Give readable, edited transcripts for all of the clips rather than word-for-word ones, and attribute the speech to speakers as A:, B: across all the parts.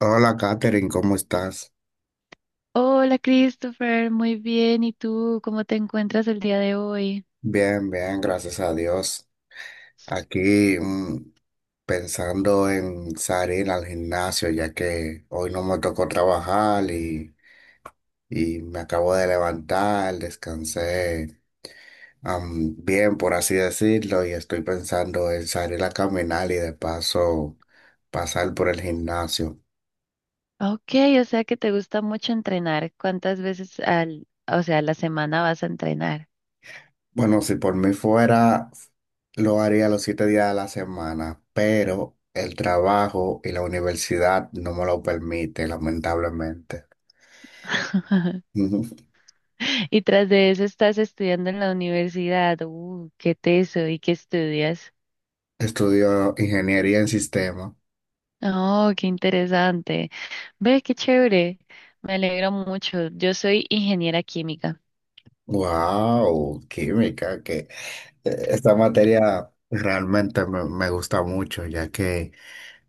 A: Hola, Katherine, ¿cómo estás?
B: Hola Christopher, muy bien. ¿Y tú cómo te encuentras el día de hoy?
A: Bien, bien, gracias a Dios. Aquí pensando en salir al gimnasio, ya que hoy no me tocó trabajar y me acabo de levantar, descansé bien, por así decirlo, y estoy pensando en salir a caminar y de paso pasar por el gimnasio.
B: Ok, o sea que te gusta mucho entrenar. ¿Cuántas veces o sea, a la semana vas a entrenar?
A: Bueno, si por mí fuera, lo haría los 7 días de la semana, pero el trabajo y la universidad no me lo permite, lamentablemente. Ujú.
B: Y tras de eso estás estudiando en la universidad. Qué teso. ¿Y qué estudias?
A: Estudio ingeniería en sistema.
B: Oh, qué interesante. Ve, qué chévere. Me alegro mucho. Yo soy ingeniera química.
A: Wow, química, que esta materia realmente me gusta mucho, ya que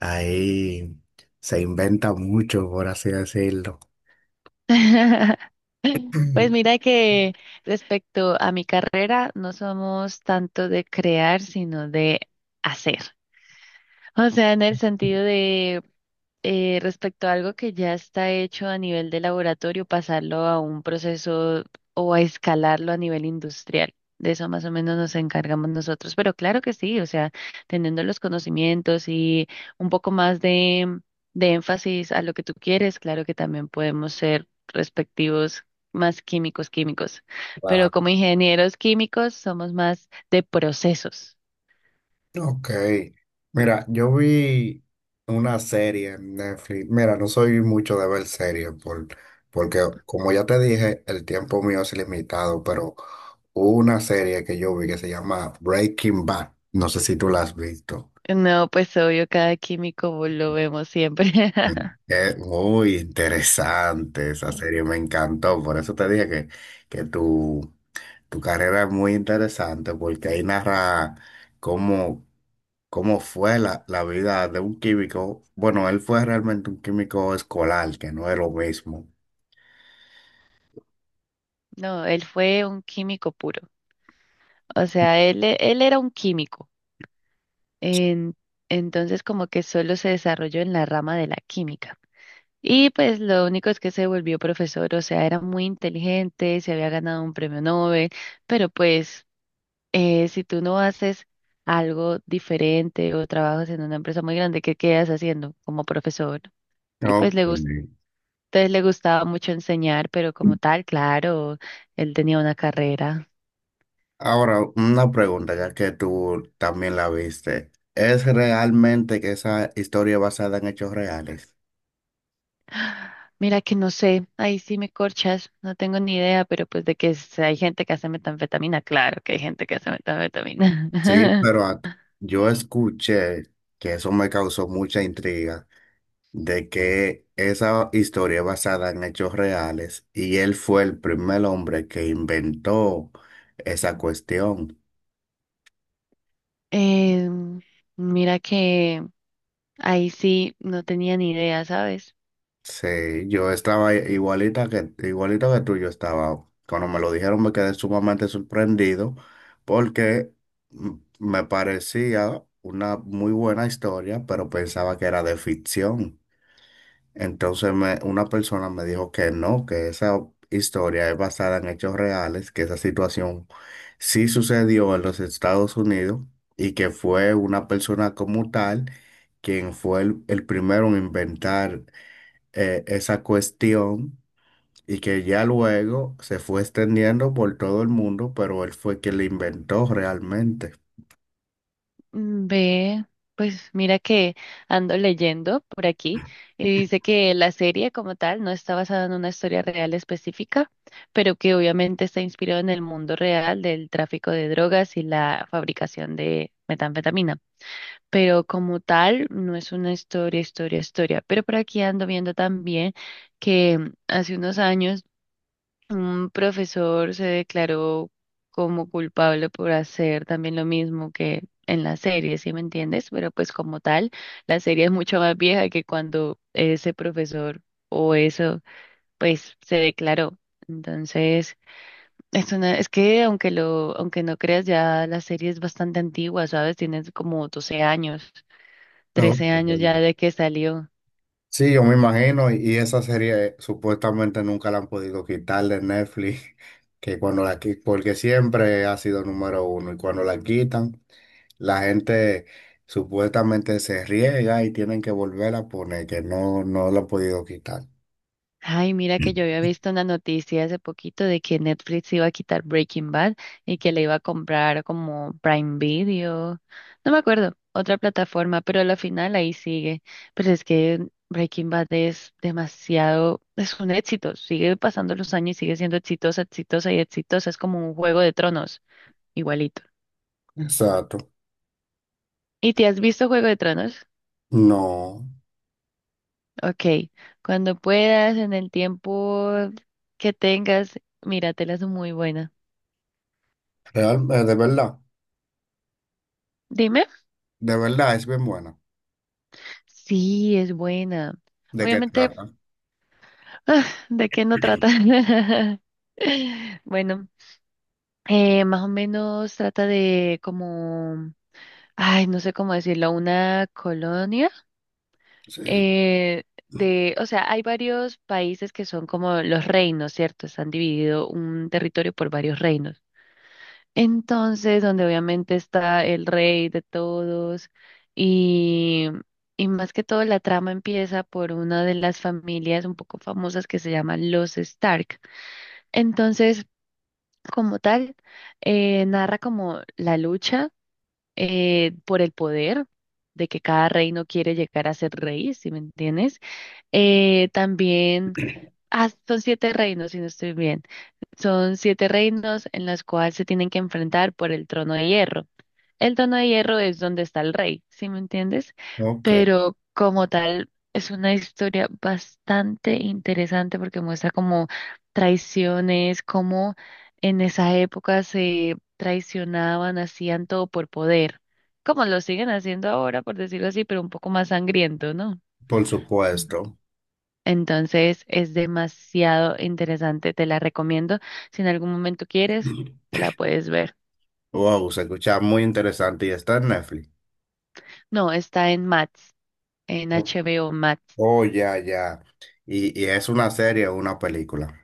A: ahí se inventa mucho, por así decirlo.
B: Pues mira que respecto a mi carrera, no somos tanto de crear, sino de hacer. O sea, en el sentido de respecto a algo que ya está hecho a nivel de laboratorio, pasarlo a un proceso o a escalarlo a nivel industrial. De eso más o menos nos encargamos nosotros. Pero claro que sí, o sea, teniendo los conocimientos y un poco más de énfasis a lo que tú quieres, claro que también podemos ser respectivos más químicos, químicos.
A: Wow.
B: Pero como ingenieros químicos somos más de procesos.
A: Ok, mira, yo vi una serie en Netflix. Mira, no soy mucho de ver series porque, como ya te dije, el tiempo mío es limitado, pero hubo una serie que yo vi que se llama Breaking Bad. No sé si tú la has visto.
B: No, pues obvio, cada químico lo vemos siempre.
A: Es muy interesante esa serie, me encantó. Por eso te dije que tu carrera es muy interesante, porque ahí narra cómo. Cómo fue la vida de un químico. Bueno, él fue realmente un químico escolar, que no es lo mismo.
B: No, él fue un químico puro. O sea, él era un químico. En- entonces, como que solo se desarrolló en la rama de la química. Y pues lo único es que se volvió profesor. O sea, era muy inteligente, se había ganado un premio Nobel. Pero pues, si tú no haces algo diferente o trabajas en una empresa muy grande, ¿qué quedas haciendo como profesor? Y
A: No,
B: pues le gustó.
A: entendí.
B: Entonces le gustaba mucho enseñar, pero como tal, claro, él tenía una carrera.
A: Ahora, una pregunta, ya que tú también la viste. ¿Es realmente que esa historia es basada en hechos reales?
B: Mira que no sé, ahí sí me corchas, no tengo ni idea, pero pues de que hay gente que hace metanfetamina, claro que hay gente que hace metanfetamina.
A: Sí, pero yo escuché que eso me causó mucha intriga de que esa historia es basada en hechos reales y él fue el primer hombre que inventó esa cuestión.
B: Em, Mira que ahí sí no tenía ni idea, ¿sabes?
A: Sí, yo estaba igualito que tú, yo estaba. Cuando me lo dijeron me quedé sumamente sorprendido porque me parecía una muy buena historia, pero pensaba que era de ficción. Entonces una persona me dijo que no, que esa historia es basada en hechos reales, que esa situación sí sucedió en los Estados Unidos y que fue una persona como tal quien fue el primero en inventar esa cuestión y que ya luego se fue extendiendo por todo el mundo, pero él fue quien la inventó realmente.
B: Mm, ve, pues mira que ando leyendo por aquí y dice que la serie como tal no está basada en una historia real específica, pero que obviamente está inspirado en el mundo real del tráfico de drogas y la fabricación de metanfetamina. Pero como tal no es una historia, historia, historia. Pero por aquí ando viendo también que hace unos años un profesor se declaró como culpable por hacer también lo mismo que en la serie, ¿sí me entiendes? Pero pues como tal, la serie es mucho más vieja que cuando ese profesor o eso, pues se declaró. Entonces, es que aunque no creas, ya la serie es bastante antigua, ¿sabes? Tiene como 12 años,
A: No.
B: 13 años ya
A: Mm.
B: de que salió.
A: Sí, yo me imagino, y esa serie supuestamente nunca la han podido quitar de Netflix, que cuando porque siempre ha sido número uno, y cuando la quitan, la gente supuestamente se riega y tienen que volver a poner, que no, no la han podido quitar.
B: Ay, mira que yo había
A: Mm.
B: visto una noticia hace poquito de que Netflix iba a quitar Breaking Bad y que le iba a comprar como Prime Video, no me acuerdo, otra plataforma, pero a la final ahí sigue. Pero es que Breaking Bad es demasiado, es un éxito, sigue pasando los años y sigue siendo exitosa, exitosa y exitosa, es como un Juego de Tronos, igualito.
A: Exacto.
B: ¿Y te has visto Juego de Tronos?
A: No,
B: Ok, cuando puedas, en el tiempo que tengas, míratelas, es muy buena.
A: real, de verdad.
B: Dime.
A: De verdad, es bien bueno.
B: Sí, es buena.
A: ¿De qué
B: Obviamente,
A: trata?
B: ah, ¿de qué no trata? Bueno, más o menos trata de como, ay, no sé cómo decirlo, una colonia
A: Sí.
B: eh, o sea, hay varios países que son como los reinos, ¿cierto? Están dividido un territorio por varios reinos. Entonces, donde obviamente está el rey de todos y, y más que todo la trama empieza por una de las familias un poco famosas que se llaman los Stark. Entonces, como tal, narra como la lucha por el poder, de que cada reino quiere llegar a ser rey, si me entiendes. También, son siete reinos, si no estoy bien. Son siete reinos en los cuales se tienen que enfrentar por el trono de hierro. El Trono de Hierro es donde está el rey, ¿sí me entiendes?
A: Ok,
B: Pero como tal, es una historia bastante interesante porque muestra como traiciones, cómo en esa época se traicionaban, hacían todo por poder, como lo siguen haciendo ahora, por decirlo así, pero un poco más sangriento, ¿no?
A: por
B: Mm.
A: supuesto.
B: Entonces es demasiado interesante, te la recomiendo. Si en algún momento quieres, te la puedes ver.
A: Wow, se escucha muy interesante y está en Netflix.
B: No, está en Max, en
A: Oh,
B: HBO Max.
A: oh, ya, ya. ¿Y, y es una serie o una película?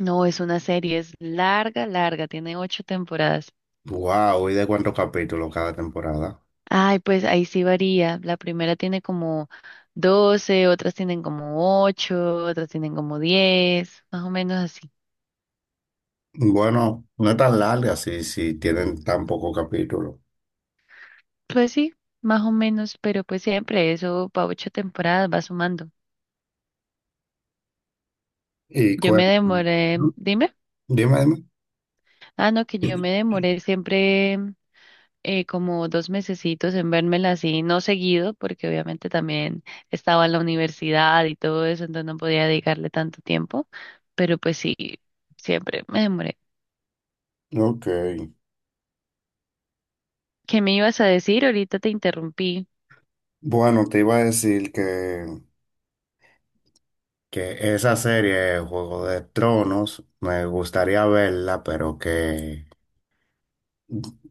B: No, es una serie, es larga, larga, tiene ocho temporadas.
A: Wow, ¿y de cuántos capítulos cada temporada?
B: Ay, pues ahí sí varía. La primera tiene como 12, otras tienen como ocho, otras tienen como 10, más o menos así.
A: Bueno, no es tan larga si tienen tan poco capítulo.
B: Pues sí, más o menos, pero pues siempre eso para ocho temporadas va sumando.
A: Y
B: Yo me
A: cuéntame.
B: demoré, dime.
A: Dime, dime.
B: Ah, no, que yo me demoré siempre como 2 mesecitos en vérmela así, no seguido, porque obviamente también estaba en la universidad y todo eso, entonces no podía dedicarle tanto tiempo, pero pues sí, siempre me demoré.
A: Ok.
B: ¿Qué me ibas a decir? Ahorita te interrumpí.
A: Bueno, te iba a decir que esa serie, Juego de Tronos, me gustaría verla, pero que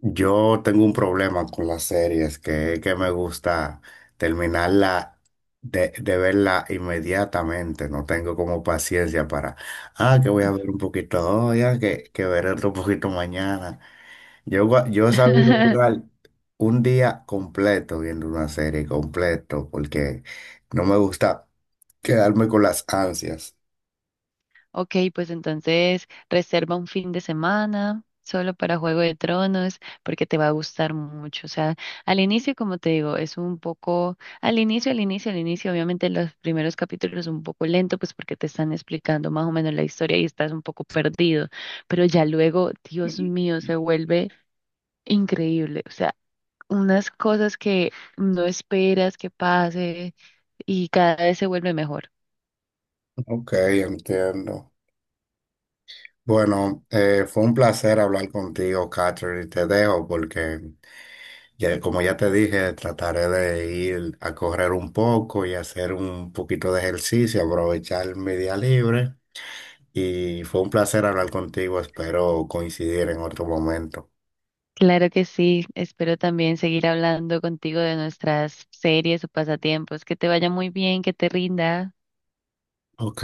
A: yo tengo un problema con las series, que es que me gusta terminarla de verla inmediatamente, no tengo como paciencia para, ah, que voy a ver un poquito hoy, ah, que veré otro poquito mañana. Yo, yo he sabido durar un día completo viendo una serie completo, porque no me gusta quedarme con las ansias.
B: Ok, pues entonces reserva un fin de semana solo para Juego de Tronos porque te va a gustar mucho. O sea, al inicio, como te digo, al inicio, al inicio, al inicio, obviamente los primeros capítulos un poco lento, pues porque te están explicando más o menos la historia y estás un poco perdido, pero ya luego, Dios mío, se vuelve increíble. O sea, unas cosas que no esperas que pase y cada vez se vuelve mejor.
A: Ok, entiendo. Bueno, fue un placer hablar contigo, Catherine. Te dejo porque, ya, como ya te dije, trataré de ir a correr un poco y hacer un poquito de ejercicio, aprovechar mi día libre. Y fue un placer hablar contigo. Espero coincidir en otro momento.
B: Claro que sí, espero también seguir hablando contigo de nuestras series o pasatiempos. Que te vaya muy bien, que te rinda.
A: Ok.